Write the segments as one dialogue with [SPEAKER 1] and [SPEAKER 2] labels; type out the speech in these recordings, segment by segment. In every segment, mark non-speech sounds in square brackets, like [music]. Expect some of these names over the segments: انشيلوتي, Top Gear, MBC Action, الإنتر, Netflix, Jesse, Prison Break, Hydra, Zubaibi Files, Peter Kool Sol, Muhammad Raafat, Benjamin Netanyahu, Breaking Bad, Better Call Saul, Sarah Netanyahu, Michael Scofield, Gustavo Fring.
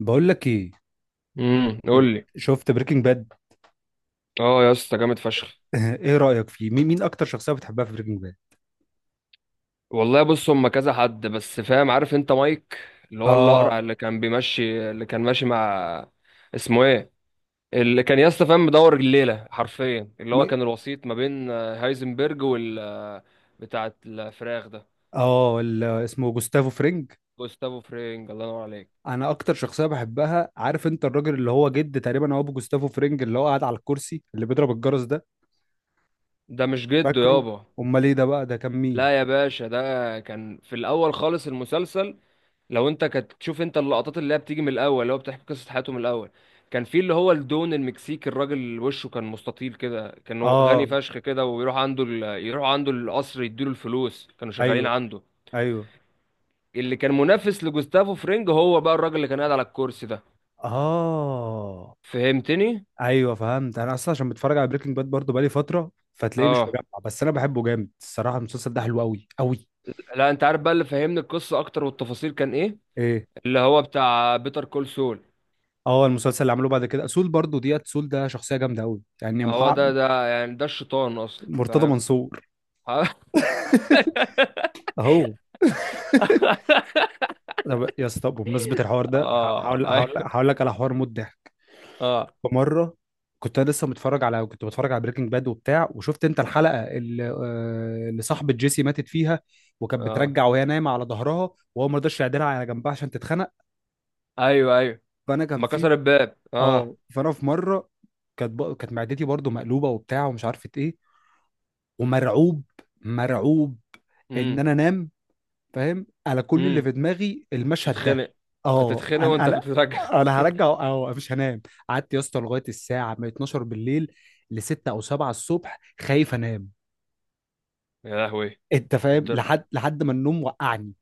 [SPEAKER 1] بقول لك ايه. انت
[SPEAKER 2] قول لي.
[SPEAKER 1] شفت بريكنج باد؟
[SPEAKER 2] اه يا اسطى جامد فشخ.
[SPEAKER 1] [laughs] ايه رأيك فيه؟ مين اكتر شخصية بتحبها في بريكنج باد؟
[SPEAKER 2] والله بص، هم كذا حد بس، فاهم؟ عارف انت مايك، اللي هو
[SPEAKER 1] اه
[SPEAKER 2] الاقرع اللي كان بيمشي اللي كان ماشي مع، اسمه ايه، اللي كان يا اسطى فاهم، مدور الليله حرفيا اللي هو
[SPEAKER 1] ما...
[SPEAKER 2] كان الوسيط ما بين هايزنبرج وال بتاعه الفراخ ده.
[SPEAKER 1] اه اسمه جوستافو فرينج.
[SPEAKER 2] جوستافو فرينج، الله ينور عليك.
[SPEAKER 1] انا اكتر شخصية بحبها، عارف انت، الراجل اللي هو جد تقريبا، او ابو جوستافو فرينج، اللي هو قاعد على الكرسي اللي بيضرب الجرس ده.
[SPEAKER 2] ده مش جده
[SPEAKER 1] فاكره؟
[SPEAKER 2] يابا.
[SPEAKER 1] امال ايه ده بقى؟ ده كان مين؟
[SPEAKER 2] لا يا باشا، ده كان في الاول خالص المسلسل. لو انت كنت تشوف انت اللقطات اللي هي بتيجي من الاول، اللي هو بتحكي قصه حياته من الاول. كان في اللي هو الدون المكسيكي، الراجل وشه كان مستطيل كده، كان هو
[SPEAKER 1] اه،
[SPEAKER 2] غني فشخ كده، ويروح عنده ال... يروح عنده القصر، يديله الفلوس، كانوا شغالين
[SPEAKER 1] ايوه،
[SPEAKER 2] عنده.
[SPEAKER 1] ايوه.
[SPEAKER 2] اللي كان منافس لجوستافو فرينج هو بقى الراجل اللي كان قاعد على الكرسي ده.
[SPEAKER 1] اه،
[SPEAKER 2] فهمتني؟
[SPEAKER 1] ايوه فهمت. انا اصلا عشان بتفرج على بريكنج باد برضه بقالي فترة، فتلاقيه مش
[SPEAKER 2] اه.
[SPEAKER 1] مجمع، بس انا بحبه جامد الصراحة. المسلسل ده حلو قوي قوي.
[SPEAKER 2] لا انت عارف بقى اللي فهمني القصه اكتر والتفاصيل كان ايه؟
[SPEAKER 1] ايه؟
[SPEAKER 2] اللي هو بتاع بيتر كول سول.
[SPEAKER 1] اه، المسلسل اللي عملوه بعد كده سول، برضو ديت سول، ده شخصيه جامده قوي يعني
[SPEAKER 2] هو ده، ده يعني ده الشيطان اصلا،
[SPEAKER 1] مرتضى
[SPEAKER 2] فاهم؟
[SPEAKER 1] منصور.
[SPEAKER 2] [laughs]
[SPEAKER 1] [laughs] اهو. طب يا اسطى بمناسبه الحوار ده ه-
[SPEAKER 2] اه
[SPEAKER 1] هقول هقول
[SPEAKER 2] ايوه.
[SPEAKER 1] هقول لك على حوار موت ضحك.
[SPEAKER 2] اه.
[SPEAKER 1] فمره كنت انا لسه متفرج على كنت بتفرج على بريكنج باد وبتاع، وشفت انت الحلقه اللي صاحبه جيسي ماتت فيها، وكانت
[SPEAKER 2] اه
[SPEAKER 1] بترجع وهي نايمه على ظهرها، وهو ما رضاش يعدلها على جنبها عشان تتخنق.
[SPEAKER 2] ايوه ايوه.
[SPEAKER 1] فانا كان
[SPEAKER 2] ما
[SPEAKER 1] في
[SPEAKER 2] كسر الباب، اه.
[SPEAKER 1] اه فانا في مره كانت معدتي برضو مقلوبه وبتاع ومش عارفه ايه، ومرعوب، مرعوب ان
[SPEAKER 2] امم.
[SPEAKER 1] انا انام. فاهم؟ انا كل اللي
[SPEAKER 2] امم.
[SPEAKER 1] في دماغي المشهد ده.
[SPEAKER 2] تتخنق.
[SPEAKER 1] اه،
[SPEAKER 2] تتخنق
[SPEAKER 1] انا
[SPEAKER 2] وانت
[SPEAKER 1] انا
[SPEAKER 2] بتترجع. [laughs]
[SPEAKER 1] انا هرجع، اه، مش هنام. قعدت يا اسطى لغايه الساعه من 12 بالليل ل 6 او 7 الصبح خايف انام.
[SPEAKER 2] يا لهوي.
[SPEAKER 1] انت فاهم؟
[SPEAKER 2] الدر...
[SPEAKER 1] لحد ما النوم وقعني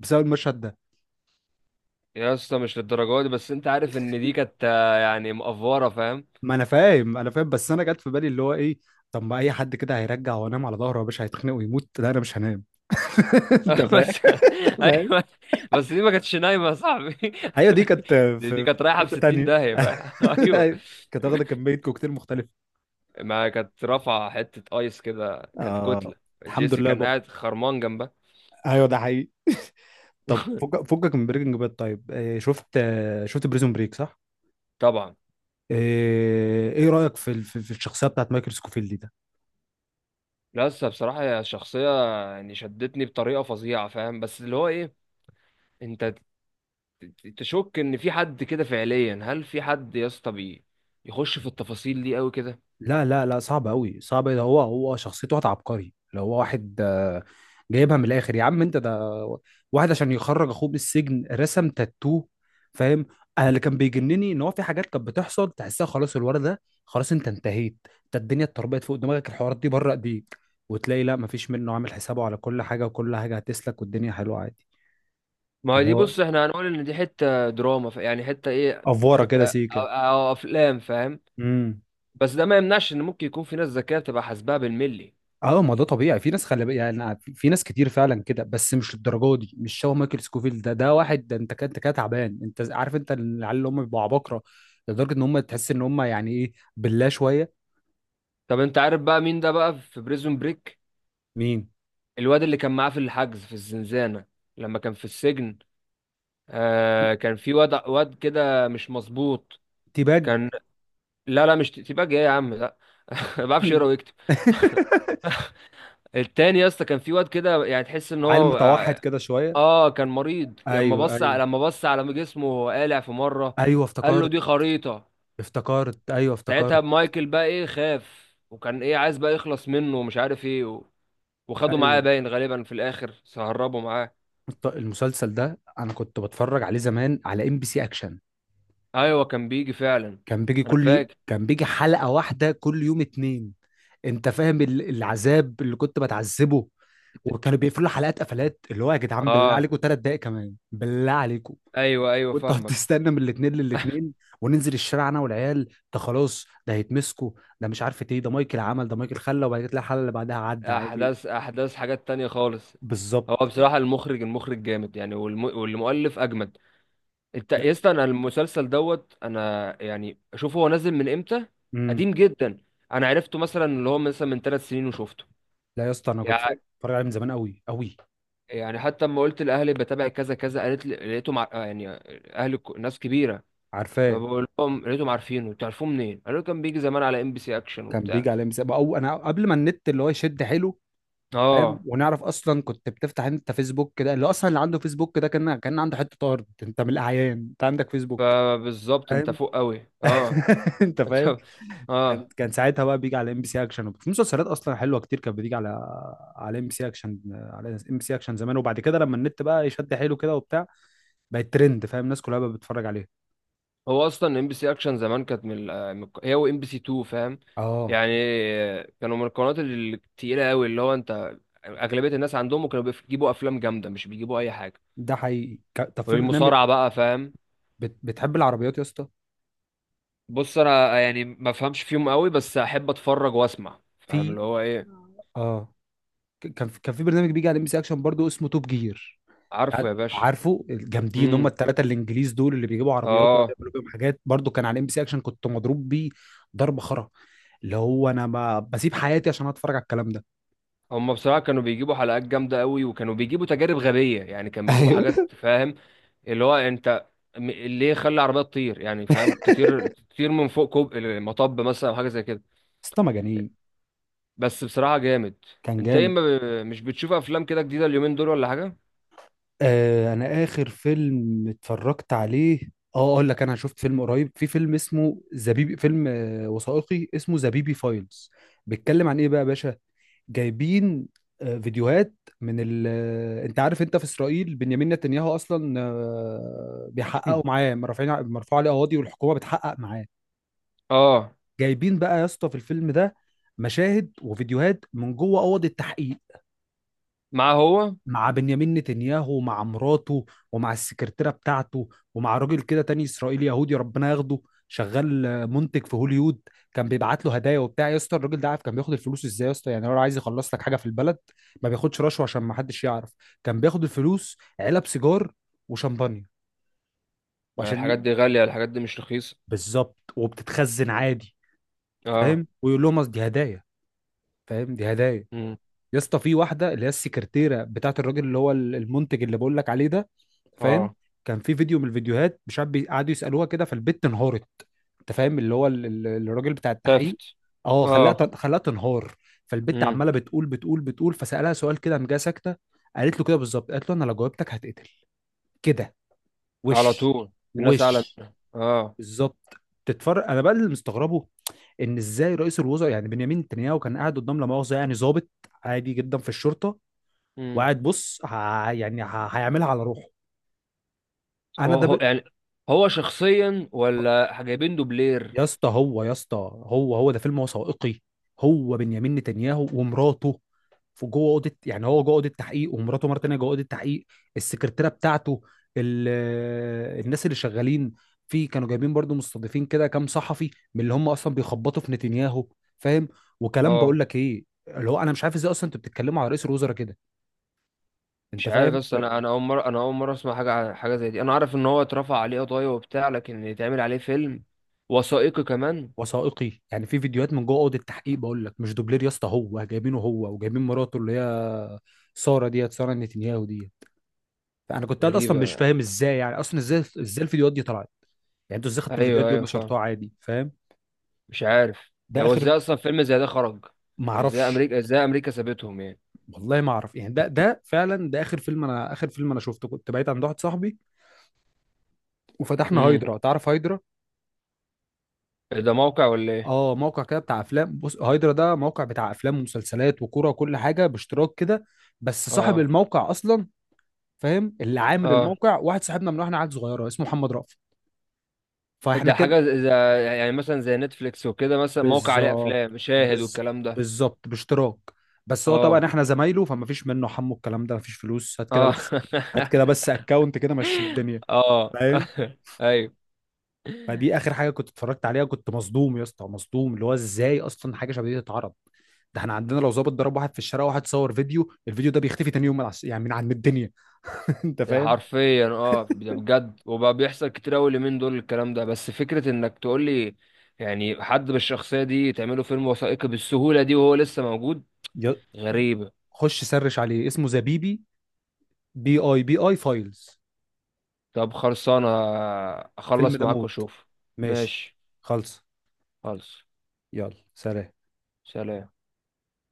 [SPEAKER 1] بسبب المشهد ده.
[SPEAKER 2] يا اسطى مش للدرجه دي، بس انت عارف ان دي كانت يعني مقفوره، فاهم؟
[SPEAKER 1] ما انا فاهم، انا فاهم، بس انا جت في بالي اللي هو ايه. طب ما اي حد كده هيرجع وانام على ظهره يا باشا هيتخنق ويموت. لا، انا مش هنام. [laughs] انت
[SPEAKER 2] [laughs]
[SPEAKER 1] فاهم؟
[SPEAKER 2] بس. ايوه. بس دي ما كانتش نايمه يا صاحبي. [laughs]
[SPEAKER 1] ايوه، دي كانت في
[SPEAKER 2] دي كانت
[SPEAKER 1] في
[SPEAKER 2] رايحه ب
[SPEAKER 1] حته
[SPEAKER 2] 60
[SPEAKER 1] تانية.
[SPEAKER 2] داهيه، فاهم؟ [laughs]
[SPEAKER 1] [laughs]
[SPEAKER 2] ايوه.
[SPEAKER 1] أيوة، كانت واخده كميه كوكتيل مختلفه.
[SPEAKER 2] ما كانت رافعه حته ايس كده، كانت
[SPEAKER 1] اه،
[SPEAKER 2] كتله.
[SPEAKER 1] الحمد
[SPEAKER 2] جيسي
[SPEAKER 1] لله
[SPEAKER 2] كان
[SPEAKER 1] بقى.
[SPEAKER 2] قاعد خرمان جنبها.
[SPEAKER 1] ايوه، ده حقيقي. طب فكك من بريكنج باد، طيب، شفت بريزون بريك صح؟
[SPEAKER 2] طبعا.
[SPEAKER 1] ايه رايك في في الشخصيه بتاعت مايكل سكوفيلد دي؟
[SPEAKER 2] لا لسه، بصراحة هي شخصية يعني شدتني بطريقة فظيعة، فاهم؟ بس اللي هو ايه، انت تشك ان في حد كده فعليا؟ هل في حد يا اسطى يخش في التفاصيل دي قوي كده؟
[SPEAKER 1] لا لا لا، صعب قوي، صعب. ده هو شخصيته واحد عبقري، لو هو واحد، جايبها من الاخر يا عم انت. ده واحد عشان يخرج اخوه من السجن رسم تاتو. فاهم؟ انا اللي كان بيجنني ان هو في حاجات كانت بتحصل تحسها خلاص، الولد ده خلاص انت انتهيت، انت الدنيا اتربيت فوق دماغك، الحوارات دي بره ايديك. وتلاقي لا، مفيش، منه عامل حسابه على كل حاجه، وكل حاجه هتسلك، والدنيا حلوه عادي.
[SPEAKER 2] ما هي
[SPEAKER 1] اللي
[SPEAKER 2] دي
[SPEAKER 1] هو
[SPEAKER 2] بص، احنا هنقول ان دي حتة دراما، يعني حتة ايه،
[SPEAKER 1] افوره كده
[SPEAKER 2] حتة
[SPEAKER 1] سيكه.
[SPEAKER 2] أو افلام، فاهم؟
[SPEAKER 1] امم
[SPEAKER 2] بس ده ما يمنعش ان ممكن يكون في ناس ذكية بتبقى حاسباها بالملي.
[SPEAKER 1] اه، ما ده طبيعي. في ناس، خلي بالك يعني، في ناس كتير فعلا كده، بس مش للدرجه دي. مش شبه مايكل سكوفيل. ده واحد ده، انت كده تعبان. عارف انت العيال اللي هم بيبقوا عباقره لدرجه ان هم، تحس ان هم يعني ايه، بالله شويه.
[SPEAKER 2] طب انت عارف بقى مين ده بقى في بريزون بريك؟
[SPEAKER 1] مين؟
[SPEAKER 2] الواد اللي كان معاه في الحجز في الزنزانة لما كان في السجن.
[SPEAKER 1] تي-
[SPEAKER 2] آه كان في واد كده مش مظبوط.
[SPEAKER 1] تيباج
[SPEAKER 2] كان، لا لا مش تباج، ايه يا عم، لا. [laughs] ما بعرفش يقرا ويكتب. [laughs]
[SPEAKER 1] [laughs]
[SPEAKER 2] التاني يا اسطى كان في واد كده، يعني تحس ان
[SPEAKER 1] عيل
[SPEAKER 2] هو
[SPEAKER 1] متوحد
[SPEAKER 2] اه،
[SPEAKER 1] كده شويه.
[SPEAKER 2] كان مريض. لما
[SPEAKER 1] ايوه ايوه.
[SPEAKER 2] لما بص على جسمه وهو قالع في مره،
[SPEAKER 1] ايوه
[SPEAKER 2] قال له
[SPEAKER 1] افتكرت.
[SPEAKER 2] دي خريطه.
[SPEAKER 1] افتكرت، ايوه
[SPEAKER 2] ساعتها
[SPEAKER 1] افتكرت.
[SPEAKER 2] مايكل بقى ايه، خاف، وكان ايه عايز بقى يخلص منه، ومش عارف ايه و... وخده معاه
[SPEAKER 1] ايوه
[SPEAKER 2] باين غالبا في الاخر سهربه معاه.
[SPEAKER 1] المسلسل ده انا كنت بتفرج عليه زمان على ام بي سي اكشن.
[SPEAKER 2] ايوه كان بيجي فعلا.
[SPEAKER 1] كان بيجي
[SPEAKER 2] انا فاكر.
[SPEAKER 1] كان بيجي حلقة واحدة كل يوم اتنين. انت فاهم العذاب اللي كنت بتعذبه؟ وكانوا بيقفلوا حلقات، قفلات اللي هو يا جدعان بالله
[SPEAKER 2] اه
[SPEAKER 1] عليكم 3 دقايق كمان بالله عليكم.
[SPEAKER 2] ايوه ايوه
[SPEAKER 1] وانت
[SPEAKER 2] فاهمك.
[SPEAKER 1] هتستنى من الاثنين للاثنين. وننزل الشارع انا والعيال، ده خلاص ده هيتمسكوا، ده مش عارف ايه، ده مايكل عمل، ده مايكل خلى، وبعد كده تلاقي الحلقه اللي بعدها عدى عادي.
[SPEAKER 2] احداث، احداث حاجات تانية خالص. هو
[SPEAKER 1] بالظبط.
[SPEAKER 2] بصراحة المخرج، المخرج جامد يعني، والمؤلف اجمد. انت
[SPEAKER 1] لا.
[SPEAKER 2] يا اسطى، انا المسلسل دوت انا، يعني شوف هو نازل من امتى.
[SPEAKER 1] امم
[SPEAKER 2] قديم جدا. انا عرفته مثلا اللي هو مثلا من ثلاث سنين وشفته.
[SPEAKER 1] لا يا اسطى، انا كنت
[SPEAKER 2] يع-
[SPEAKER 1] اتفرج عليه من زمان قوي قوي.
[SPEAKER 2] يعني حتى لما قلت لاهلي بتابع كذا كذا، قالت لي لقيتهم مع... يعني اهلي ناس كبيرة.
[SPEAKER 1] عارفاه.
[SPEAKER 2] فبقول لهم لقيتهم عارفينه، تعرفوه منين؟ قالوا لي كان بيجي زمان على ام بي سي اكشن
[SPEAKER 1] كان
[SPEAKER 2] وبتاع.
[SPEAKER 1] بيجي عليه من زمان، او انا قبل ما النت اللي هو يشد حلو. فاهم؟
[SPEAKER 2] اه.
[SPEAKER 1] ونعرف اصلا كنت بتفتح انت فيسبوك كده، اللي اصلا اللي عنده فيسبوك ده كان عنده حته ارض، انت من الاعيان، انت عندك فيسبوك.
[SPEAKER 2] فبالظبط انت
[SPEAKER 1] فاهم؟
[SPEAKER 2] فوق قوي، اه.
[SPEAKER 1] [laughs] انت فاهم؟
[SPEAKER 2] [laughs] اه.
[SPEAKER 1] كان ساعتها بقى بيجي على ام بي سي اكشن، وفي مسلسلات اصلا حلوه كتير كانت بتيجي على، على ام بي سي اكشن، على ام بي سي اكشن زمان. وبعد كده لما النت بقى يشد حيله كده وبتاع، بقت ترند. فاهم؟ الناس كلها بقت بتتفرج عليه.
[SPEAKER 2] هو اصلا ام بي سي اكشن زمان كانت من من هي وام بي سي 2، فاهم؟
[SPEAKER 1] اه،
[SPEAKER 2] يعني كانوا من القنوات التقيله قوي، اللي هو انت اغلبيه الناس عندهم كانوا بيجيبوا افلام جامده، مش بيجيبوا اي حاجه.
[SPEAKER 1] ده حقيقي. طب في برنامج،
[SPEAKER 2] والمصارعه بقى، فاهم؟
[SPEAKER 1] بتحب العربيات يا اسطى؟
[SPEAKER 2] بص انا يعني ما فهمش فيهم قوي، بس احب اتفرج واسمع، فاهم؟ اللي
[SPEAKER 1] في،
[SPEAKER 2] هو ايه،
[SPEAKER 1] اه، كان في برنامج بيجي على ام بي سي اكشن برضو اسمه توب جير.
[SPEAKER 2] عارفه يا باشا.
[SPEAKER 1] عارفه الجامدين، هم
[SPEAKER 2] امم.
[SPEAKER 1] الثلاثه الانجليز دول اللي بيجيبوا عربيات ويقعدوا
[SPEAKER 2] اه.
[SPEAKER 1] يعملوا بيهم حاجات. برضو كان على ام بي سي اكشن. كنت مضروب بيه ضرب خرا. اللي هو انا ما بسيب حياتي عشان اتفرج على الكلام ده.
[SPEAKER 2] هم بصراحه كانوا بيجيبوا حلقات جامده قوي، وكانوا بيجيبوا تجارب غبيه يعني، كانوا
[SPEAKER 1] [laughs]
[SPEAKER 2] بيجيبوا
[SPEAKER 1] ايوه.
[SPEAKER 2] حاجات، فاهم؟ اللي هو انت ليه خلي العربيه تطير يعني، فاهم؟ تطير تطير من فوق كوب المطب مثلا او حاجه زي كده.
[SPEAKER 1] اسطى مجانين.
[SPEAKER 2] بس بصراحه جامد.
[SPEAKER 1] كان
[SPEAKER 2] انت ايه،
[SPEAKER 1] جامد.
[SPEAKER 2] ما ب... مش بتشوف افلام كده جديده اليومين دول ولا حاجه؟
[SPEAKER 1] انا اخر فيلم اتفرجت عليه، اه، اقول لك، انا شفت فيلم قريب. في فيلم اسمه زبيبي، فيلم وثائقي اسمه زبيبي فايلز. بيتكلم عن ايه بقى يا باشا؟ جايبين فيديوهات من ال... آه، انت عارف، انت في اسرائيل، بنيامين نتنياهو اصلا بيحققوا
[SPEAKER 2] [clears throat]
[SPEAKER 1] معاه، مرفوعين، مرفوع عليه قواضي، والحكومه بتحقق معاه.
[SPEAKER 2] اه.
[SPEAKER 1] جايبين بقى يا اسطى في الفيلم ده مشاهد وفيديوهات من جوه اوض التحقيق
[SPEAKER 2] معاه هو.
[SPEAKER 1] مع بنيامين نتنياهو، ومع مراته، ومع السكرتيرة بتاعته، ومع راجل كده تاني إسرائيلي يهودي ربنا ياخده، شغال منتج في هوليوود. كان بيبعت له هدايا وبتاع. يا اسطى الراجل ده، عارف كان بياخد الفلوس ازاي يا اسطى؟ يعني هو لو عايز يخلص لك حاجة في البلد، ما بياخدش رشوة عشان ما حدش يعرف. كان بياخد الفلوس علب سيجار، وشمبانيا،
[SPEAKER 2] ما
[SPEAKER 1] وعشان
[SPEAKER 2] الحاجات
[SPEAKER 1] ي...
[SPEAKER 2] دي غاليه، الحاجات دي مش رخيصه.
[SPEAKER 1] بالظبط، وبتتخزن عادي.
[SPEAKER 2] اه.
[SPEAKER 1] فاهم؟ ويقول لهم أصل دي هدايا. فاهم؟ دي هدايا.
[SPEAKER 2] امم.
[SPEAKER 1] يا اسطى في واحده، اللي هي السكرتيره بتاعت الراجل اللي هو المنتج اللي بقول لك عليه ده، فاهم؟
[SPEAKER 2] اه.
[SPEAKER 1] كان في فيديو من الفيديوهات مش عارف، قعدوا يسالوها كده، فالبت انهارت. انت فاهم اللي هو، الراجل بتاع التحقيق.
[SPEAKER 2] ثفت.
[SPEAKER 1] اه، خلاها اه
[SPEAKER 2] اه.
[SPEAKER 1] تن- خلاها تنهار. فالبت
[SPEAKER 2] امم.
[SPEAKER 1] عماله بتقول. فسالها سؤال كده، قام جايه ساكته. قالت له كده بالظبط، قالت له: انا لو جاوبتك هتقتل كده.
[SPEAKER 2] على
[SPEAKER 1] وش
[SPEAKER 2] طول. الناس اعلى
[SPEAKER 1] وش
[SPEAKER 2] منها، اه.
[SPEAKER 1] بالظبط. تتفرج، انا بقى اللي مستغربه ان ازاي رئيس الوزراء يعني بنيامين نتنياهو كان قاعد قدام، لا مؤاخذه يعني، ضابط عادي جدا في الشرطه.
[SPEAKER 2] امم.
[SPEAKER 1] وقاعد بص، يعني هيعملها على روحه. انا
[SPEAKER 2] يعني هو شخصيا ولا جايبين دوبلير؟
[SPEAKER 1] يا اسطى، هو ده فيلم، هو وثائقي. هو بنيامين نتنياهو ومراته، في جوه اوضه، يعني هو جوه اوضه تحقيق، ومراته مره تانيه جوه اوضه تحقيق. السكرتيره بتاعته. ال... الناس اللي شغالين في، كانوا جايبين برضو، مستضيفين كده كام صحفي من اللي هم اصلا بيخبطوا في نتنياهو. فاهم؟ وكلام. بقول
[SPEAKER 2] اه
[SPEAKER 1] لك ايه اللي هو: انا مش عارف ازاي اصلا انتوا بتتكلموا على رئيس الوزراء كده. انت
[SPEAKER 2] مش عارف،
[SPEAKER 1] فاهم؟
[SPEAKER 2] بس انا اول مره، انا اول مره اسمع حاجه عن حاجه زي دي. انا عارف ان هو اترفع عليه قضايا وبتاع، لكن يتعمل عليه فيلم وثائقي كمان؟
[SPEAKER 1] وثائقي. يعني في فيديوهات من جوه اوضه التحقيق، بقول لك مش دوبلير يا اسطى، هو جايبينه هو وجايبين مراته اللي هي ساره، ديت ساره نتنياهو، ديت. فانا كنت قاعد اصلا مش
[SPEAKER 2] غريبه.
[SPEAKER 1] فاهم ازاي، يعني اصلا ازاي، ازاي الفيديوهات دي طلعت. يعني انتوا ازاي خدتوا الفيديوهات
[SPEAKER 2] ايوه
[SPEAKER 1] دي
[SPEAKER 2] ايوه فاهم.
[SPEAKER 1] ونشرتوها عادي؟ فاهم؟
[SPEAKER 2] مش عارف.
[SPEAKER 1] ده
[SPEAKER 2] هو
[SPEAKER 1] اخر
[SPEAKER 2] ازاي اصلا فيلم زي ده خرج؟
[SPEAKER 1] ما
[SPEAKER 2] يعني ازاي
[SPEAKER 1] اعرفش،
[SPEAKER 2] امريكا، ازاي امريكا سابتهم يعني.
[SPEAKER 1] والله ما اعرف. يعني ده فعلا، ده اخر فيلم انا، اخر فيلم انا شفته كنت بعيد عند واحد صاحبي، وفتحنا
[SPEAKER 2] امم.
[SPEAKER 1] هايدرا. تعرف هايدرا؟
[SPEAKER 2] ده موقع ولا ايه؟
[SPEAKER 1] اه، موقع كده بتاع افلام. بص، هايدرا ده موقع بتاع افلام ومسلسلات وكوره وكل حاجه باشتراك كده. بس صاحب
[SPEAKER 2] اه.
[SPEAKER 1] الموقع اصلا، فاهم، اللي عامل
[SPEAKER 2] اه.
[SPEAKER 1] الموقع، واحد صاحبنا من واحنا عيال صغيره، اسمه محمد رأفت. فاحنا
[SPEAKER 2] ده
[SPEAKER 1] كده،
[SPEAKER 2] حاجه زي يعني مثلا زي نتفليكس وكده، مثلا موقع عليه
[SPEAKER 1] بالظبط،
[SPEAKER 2] افلام شاهد
[SPEAKER 1] بز...
[SPEAKER 2] والكلام ده.
[SPEAKER 1] بالظبط باشتراك. بس هو طبعا
[SPEAKER 2] اه.
[SPEAKER 1] احنا زمايله، فما فيش منه حمو الكلام ده، ما فيش فلوس، هات كده
[SPEAKER 2] اه.
[SPEAKER 1] بس. هات كده
[SPEAKER 2] [laughs]
[SPEAKER 1] بس اكونت، كده مشي الدنيا.
[SPEAKER 2] اه. [laughs]
[SPEAKER 1] فاهم؟
[SPEAKER 2] ايوه.
[SPEAKER 1] فدي اخر حاجه كنت اتفرجت عليها. كنت مصدوم يا اسطى، مصدوم اللي هو ازاي اصلا حاجه شبه دي تتعرض. ده احنا عندنا لو ظابط ضرب واحد في الشارع، واحد صور فيديو، الفيديو ده بيختفي تاني يوم من يعني من عن الدنيا. [laughs] انت فاهم؟
[SPEAKER 2] حرفيا اه، ده بجد وبقى بيحصل كتير قوي اليومين دول الكلام ده. بس فكرة انك تقول لي يعني حد بالشخصية دي تعمله فيلم وثائقي بالسهولة دي وهو لسه موجود،
[SPEAKER 1] يا-
[SPEAKER 2] غريبة.
[SPEAKER 1] خش سرش عليه اسمه زبيبي، BIBI Files.
[SPEAKER 2] طب خلصانة.
[SPEAKER 1] الفيلم
[SPEAKER 2] اخلص
[SPEAKER 1] ده
[SPEAKER 2] معاك
[SPEAKER 1] موت.
[SPEAKER 2] واشوف.
[SPEAKER 1] ماشي.
[SPEAKER 2] ماشي.
[SPEAKER 1] خلص.
[SPEAKER 2] خلص.
[SPEAKER 1] يلا سلام.
[SPEAKER 2] سلام.